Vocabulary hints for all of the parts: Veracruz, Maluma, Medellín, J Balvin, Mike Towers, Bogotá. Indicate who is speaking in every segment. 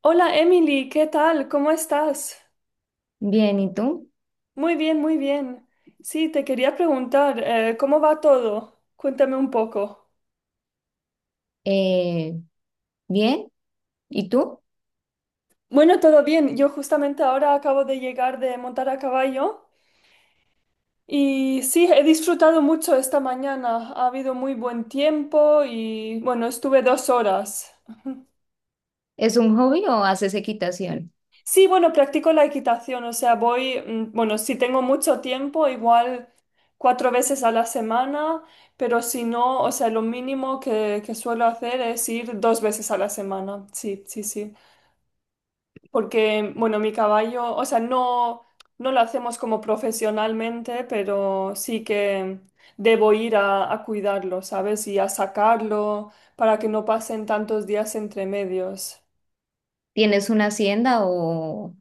Speaker 1: Hola Emily, ¿qué tal? ¿Cómo estás?
Speaker 2: Bien, ¿y tú?
Speaker 1: Muy bien, muy bien. Sí, te quería preguntar, ¿cómo va todo? Cuéntame un poco.
Speaker 2: Eh, bien, ¿y tú?
Speaker 1: Bueno, todo bien. Yo justamente ahora acabo de llegar de montar a caballo y sí, he disfrutado mucho esta mañana. Ha habido muy buen tiempo y bueno, estuve 2 horas.
Speaker 2: ¿Es un hobby o haces equitación?
Speaker 1: Sí, bueno, practico la equitación, o sea, voy, bueno, si tengo mucho tiempo, igual 4 veces a la semana, pero si no, o sea, lo mínimo que suelo hacer es ir 2 veces a la semana, sí, sí, sí, porque, bueno, mi caballo, o sea, no, no lo hacemos como profesionalmente, pero sí que debo ir a cuidarlo, ¿sabes? Y a sacarlo para que no pasen tantos días entre medios.
Speaker 2: ¿Tienes una hacienda o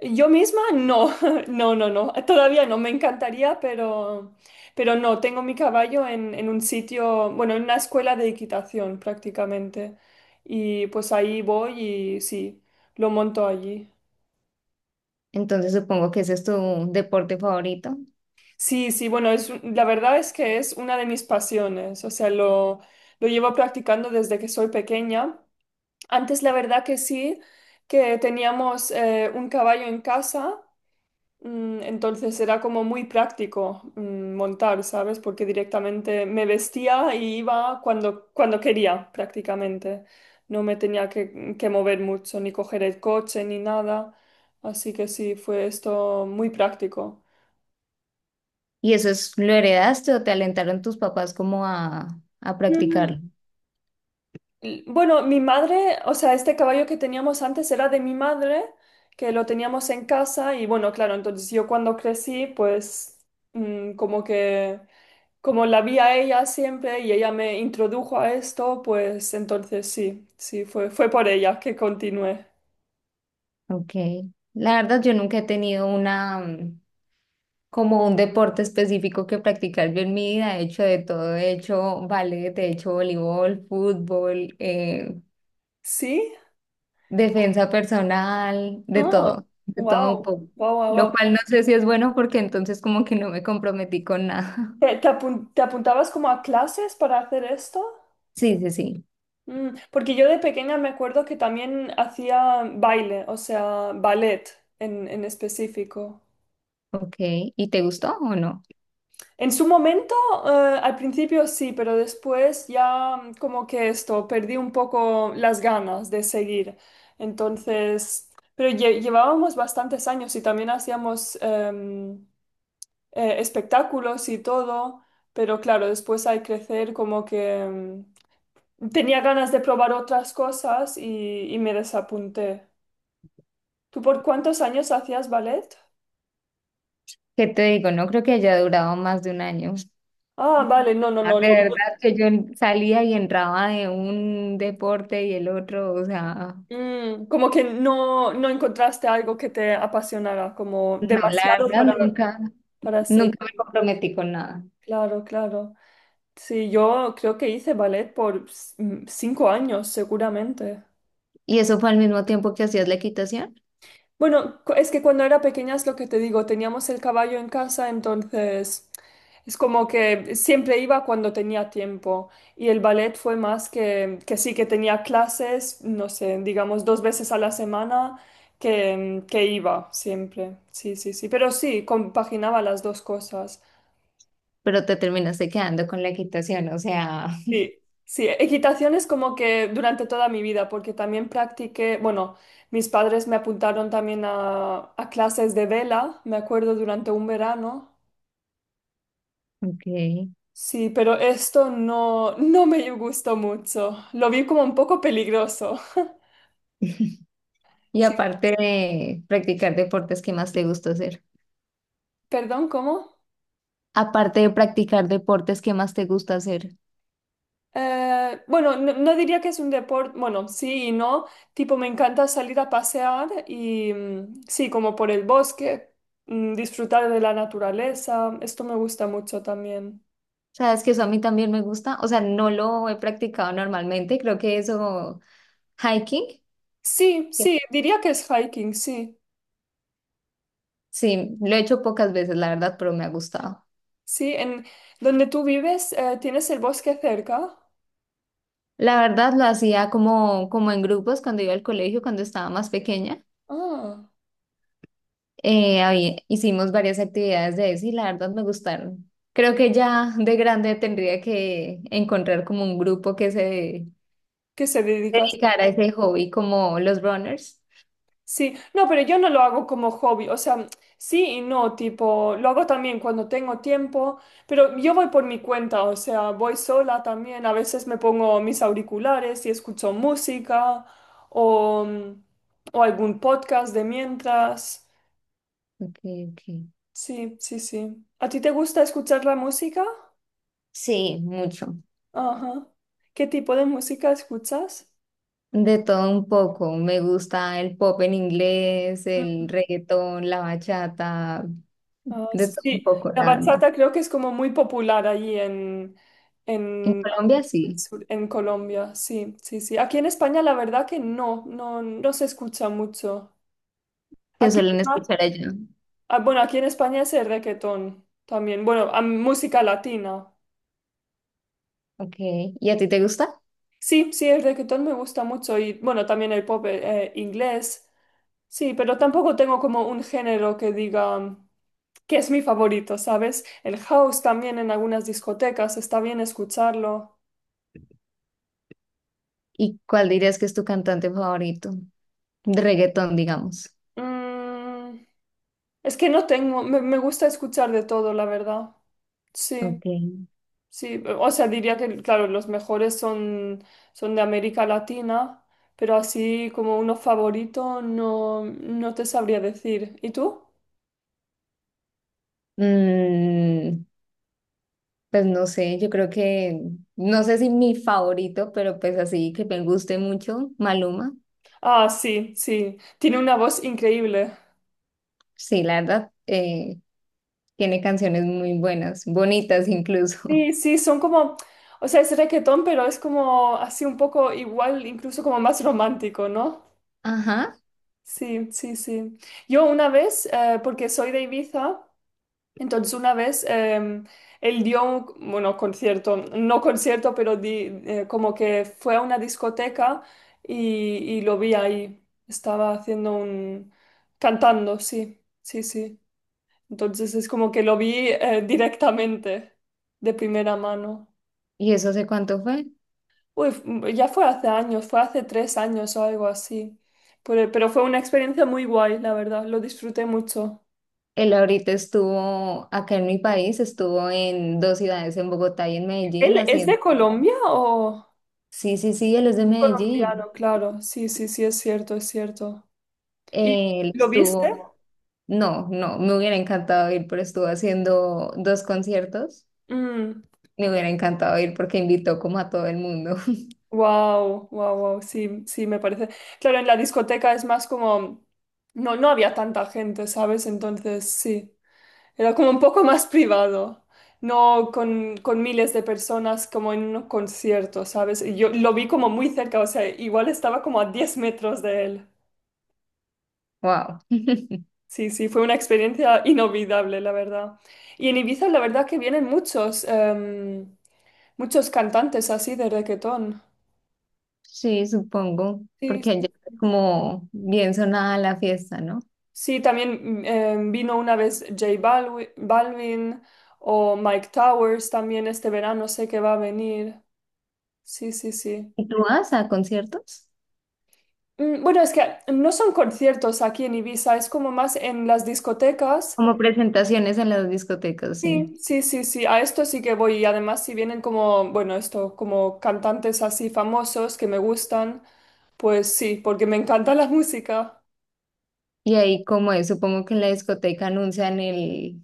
Speaker 1: Yo misma no, no, no, no, todavía no, me encantaría, pero no, tengo mi caballo en un sitio, bueno, en una escuela de equitación prácticamente. Y pues ahí voy y sí, lo monto allí.
Speaker 2: entonces supongo que ese es tu deporte favorito?
Speaker 1: Sí, sí, bueno, la verdad es que es una de mis pasiones, o sea, lo llevo practicando desde que soy pequeña. Antes la verdad que sí, que teníamos un caballo en casa. Mm. Entonces era como muy práctico, montar, ¿sabes? Porque directamente me vestía y iba cuando quería, prácticamente. No me tenía que mover mucho, ni coger el coche, ni nada. Así que sí, fue esto muy práctico.
Speaker 2: ¿Y eso es, lo heredaste o te alentaron tus papás como a practicarlo?
Speaker 1: Bueno, mi madre, o sea, este caballo que teníamos antes era de mi madre, que lo teníamos en casa y bueno, claro, entonces yo cuando crecí, pues mm, como que, como la vi a ella siempre y ella me introdujo a esto, pues entonces sí, sí, fue por ella que continué.
Speaker 2: Ok. La verdad, yo nunca he tenido una, como un deporte específico que practicar el en mi vida. He hecho de todo, he hecho ballet, he hecho voleibol, fútbol,
Speaker 1: ¿Sí?
Speaker 2: defensa personal,
Speaker 1: Ah,
Speaker 2: de todo un
Speaker 1: wow,
Speaker 2: poco.
Speaker 1: wow, wow,
Speaker 2: Lo
Speaker 1: wow.
Speaker 2: cual no sé si es bueno porque entonces como que no me comprometí con nada.
Speaker 1: Te apuntabas como a clases para hacer esto?
Speaker 2: Sí, sí, sí.
Speaker 1: Mm, porque yo de pequeña me acuerdo que también hacía baile, o sea, ballet en específico.
Speaker 2: Ok, ¿y te gustó o no?
Speaker 1: En su momento, al principio sí, pero después ya, como que esto, perdí un poco las ganas de seguir. Entonces, pero llevábamos bastantes años y también hacíamos espectáculos y todo, pero claro, después al crecer como que, tenía ganas de probar otras cosas y me desapunté. ¿Tú por cuántos años hacías ballet?
Speaker 2: ¿Qué te digo? No creo que haya durado más de un año.
Speaker 1: Ah, vale, no, no,
Speaker 2: Ah,
Speaker 1: no.
Speaker 2: de
Speaker 1: Lo mío.
Speaker 2: verdad que yo salía y entraba de un deporte y el otro, o sea,
Speaker 1: Mm, como que no, no encontraste algo que te apasionara, como
Speaker 2: no, la
Speaker 1: demasiado
Speaker 2: verdad nunca.
Speaker 1: para seguir.
Speaker 2: Nunca me comprometí con nada.
Speaker 1: Claro, claro. Sí, yo creo que hice ballet por 5 años, seguramente.
Speaker 2: ¿Y eso fue al mismo tiempo que hacías la equitación,
Speaker 1: Bueno, es que cuando era pequeña es lo que te digo, teníamos el caballo en casa, entonces es como que siempre iba cuando tenía tiempo. Y el ballet fue más que sí, que tenía clases, no sé, digamos 2 veces a la semana que iba siempre. Sí, sí, sí. Pero sí, compaginaba las dos cosas.
Speaker 2: pero te terminaste quedando con la equitación, o sea?
Speaker 1: Sí, sí, equitación es como que durante toda mi vida, porque también practiqué, bueno, mis padres me apuntaron también a clases de vela, me acuerdo, durante un verano.
Speaker 2: Ok.
Speaker 1: Sí, pero esto no, no me gustó mucho. Lo vi como un poco peligroso.
Speaker 2: Y
Speaker 1: Sí,
Speaker 2: aparte de practicar deportes, ¿qué más te gusta hacer?
Speaker 1: perdón, ¿cómo?
Speaker 2: Aparte de practicar deportes, ¿qué más te gusta hacer?
Speaker 1: Bueno, no, no diría que es un deporte, bueno, sí y no, tipo me encanta salir a pasear y, sí, como por el bosque, disfrutar de la naturaleza, esto me gusta mucho también.
Speaker 2: Sabes que eso a mí también me gusta, o sea, no lo he practicado normalmente, creo que eso, hiking,
Speaker 1: Sí, sí, diría que es hiking, sí,
Speaker 2: sí, lo he hecho pocas veces, la verdad, pero me ha gustado.
Speaker 1: sí, en donde tú vives, ¿tienes el bosque cerca?
Speaker 2: La verdad lo hacía como, como en grupos cuando iba al colegio, cuando estaba más pequeña.
Speaker 1: Ah,
Speaker 2: Hicimos varias actividades de eso y la verdad me gustaron. Creo que ya de grande tendría que encontrar como un grupo que se
Speaker 1: ¿qué se dedicas?
Speaker 2: dedicara a ese hobby como los runners.
Speaker 1: Sí, no, pero yo no lo hago como hobby, o sea, sí y no, tipo, lo hago también cuando tengo tiempo, pero yo voy por mi cuenta, o sea, voy sola también, a veces me pongo mis auriculares y escucho música o, o algún podcast de mientras.
Speaker 2: Ok, ok.
Speaker 1: Sí, sí, sí. ¿A ti te gusta escuchar la música?
Speaker 2: Sí, mucho.
Speaker 1: Ajá. ¿Qué tipo de música escuchas?
Speaker 2: De todo un poco. Me gusta el pop en inglés, el reggaetón, la bachata,
Speaker 1: Ah, sí,
Speaker 2: de todo un
Speaker 1: sí.
Speaker 2: poco,
Speaker 1: la
Speaker 2: la verdad.
Speaker 1: bachata creo que es como muy popular allí en,
Speaker 2: En
Speaker 1: en,
Speaker 2: Colombia
Speaker 1: América del
Speaker 2: sí,
Speaker 1: Sur, en Colombia. Sí, sí, sí. Aquí en España la verdad que no, no, no se escucha mucho.
Speaker 2: que
Speaker 1: Aquí,
Speaker 2: suelen
Speaker 1: ah,
Speaker 2: escuchar allá.
Speaker 1: ah, bueno, aquí en España es el reggaetón también. Bueno, ah, música latina.
Speaker 2: Ok. ¿Y a ti te gusta?
Speaker 1: Sí, sí, el reggaetón me gusta mucho y bueno, también el pop inglés. Sí, pero tampoco tengo como un género que diga que es mi favorito, ¿sabes? El house también en algunas discotecas está bien escucharlo.
Speaker 2: ¿Y cuál dirías que es tu cantante favorito? De reggaetón, digamos.
Speaker 1: Mm, es que no tengo, me gusta escuchar de todo, la verdad. Sí,
Speaker 2: Ok.
Speaker 1: sí, o sea, diría que, claro, son de América Latina, pero así como uno favorito no, no te sabría decir. ¿Y tú?
Speaker 2: Mm, pues no sé, yo creo que, no sé si mi favorito, pero pues así que me guste mucho, Maluma.
Speaker 1: Ah, sí, sí, tiene una voz increíble.
Speaker 2: Sí, la verdad, tiene canciones muy buenas, bonitas incluso.
Speaker 1: Sí, sí, son como, o sea, es reggaetón, pero es como así un poco igual, incluso como más romántico, ¿no?
Speaker 2: Ajá.
Speaker 1: Sí, sí, sí. Yo una vez, porque soy de Ibiza, entonces una vez, él dio un, bueno, concierto, no concierto, pero como que fue a una discoteca y lo vi ahí. Estaba haciendo un... cantando, sí, sí, sí. Entonces es como que lo vi, directamente, de primera mano.
Speaker 2: ¿Y eso hace cuánto fue?
Speaker 1: Uy, ya fue hace años, fue hace 3 años o algo así. Pero fue una experiencia muy guay, la verdad, lo disfruté mucho.
Speaker 2: Él ahorita estuvo acá en mi país, estuvo en dos ciudades, en Bogotá y en
Speaker 1: ¿Él
Speaker 2: Medellín,
Speaker 1: es de
Speaker 2: haciendo...
Speaker 1: Colombia o...?
Speaker 2: Sí, sí, sí, él es de Medellín.
Speaker 1: Colombiano, claro. Sí, sí, sí, es cierto, es cierto. ¿Y
Speaker 2: Él
Speaker 1: lo viste?
Speaker 2: estuvo... No, no, me hubiera encantado ir, pero estuvo haciendo dos conciertos.
Speaker 1: Mm,
Speaker 2: Me hubiera encantado ir porque invitó como a todo el mundo.
Speaker 1: wow, wow, wow. Sí, sí, me parece. Claro, en la discoteca es más como. No, no había tanta gente, ¿sabes? Entonces, sí. Era como un poco más privado. No con miles de personas como en un concierto, ¿sabes? Y yo lo vi como muy cerca, o sea, igual estaba como a 10 metros de él.
Speaker 2: Wow.
Speaker 1: Sí, sí, fue una experiencia inolvidable, la verdad. Y en Ibiza, la verdad que vienen muchos, muchos cantantes así de reggaetón.
Speaker 2: Sí, supongo,
Speaker 1: Sí,
Speaker 2: porque
Speaker 1: sí.
Speaker 2: allá es como bien sonada la fiesta, ¿no?
Speaker 1: Sí, también vino una vez J Balvin, o Mike Towers también este verano, sé que va a venir. Sí, sí, sí.
Speaker 2: ¿Y tú vas a conciertos?
Speaker 1: Bueno, es que no son conciertos aquí en Ibiza, es como más en las discotecas.
Speaker 2: Como presentaciones en las discotecas, sí.
Speaker 1: Sí, sí, sí, sí, a esto sí que voy y además si vienen como, bueno, esto, como cantantes así famosos que me gustan, pues sí, porque me encanta la música.
Speaker 2: Y ahí como es, supongo que en la discoteca anuncian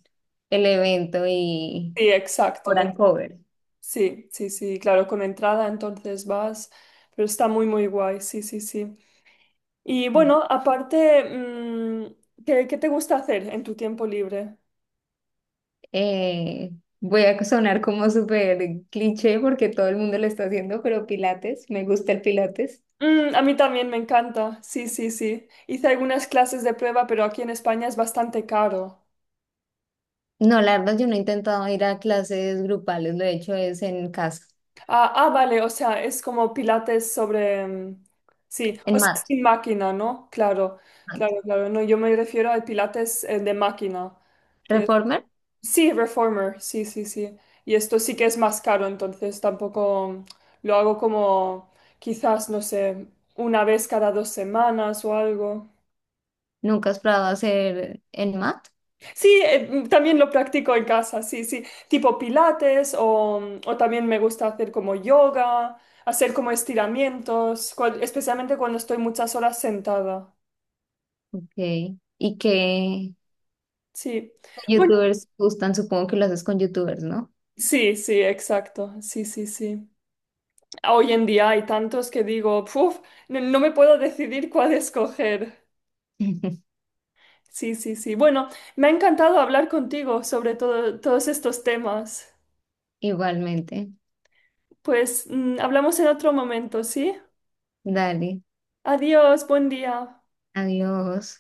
Speaker 2: el evento y
Speaker 1: Sí, exacto,
Speaker 2: cobran cover.
Speaker 1: sí, sí, sí, claro, con entrada entonces vas, pero está muy, muy guay, sí, sí, sí. Y bueno, aparte, ¿qué te gusta hacer en tu tiempo libre?
Speaker 2: Eh, voy a sonar como súper cliché porque todo el mundo lo está haciendo, pero Pilates, me gusta el Pilates.
Speaker 1: Mm, a mí también me encanta, sí, sí, sí. Hice algunas clases de prueba, pero aquí en España es bastante caro.
Speaker 2: No, la verdad, yo no he intentado ir a clases grupales, lo he hecho es en casa,
Speaker 1: Ah, ah, vale, o sea, es como pilates sobre... sí, o
Speaker 2: en
Speaker 1: sea,
Speaker 2: mat.
Speaker 1: sin máquina, ¿no? Claro,
Speaker 2: Mat.
Speaker 1: claro, claro. No, yo me refiero al pilates, de máquina. Que...
Speaker 2: ¿Reformer?
Speaker 1: sí, reformer, sí, sí, sí. Y esto sí que es más caro, entonces tampoco, lo hago como quizás, no sé, una vez cada 2 semanas o algo.
Speaker 2: ¿Nunca has probado hacer en mat?
Speaker 1: Sí, también lo practico en casa, sí, sí, tipo pilates o también me gusta hacer como yoga, hacer como estiramientos, especialmente cuando estoy muchas horas sentada.
Speaker 2: Ok. ¿Y qué
Speaker 1: Sí, bueno,
Speaker 2: youtubers gustan? Supongo que lo haces con youtubers, ¿no?
Speaker 1: sí, sí, exacto, sí, sí, sí. Hoy en día hay tantos que digo, "Puf, no, no me puedo decidir cuál escoger. Sí, sí, sí. Bueno, me ha encantado hablar contigo sobre todo, todos estos temas.
Speaker 2: Igualmente.
Speaker 1: Pues hablamos en otro momento, ¿sí?
Speaker 2: Dale,
Speaker 1: Adiós, buen día.
Speaker 2: adiós.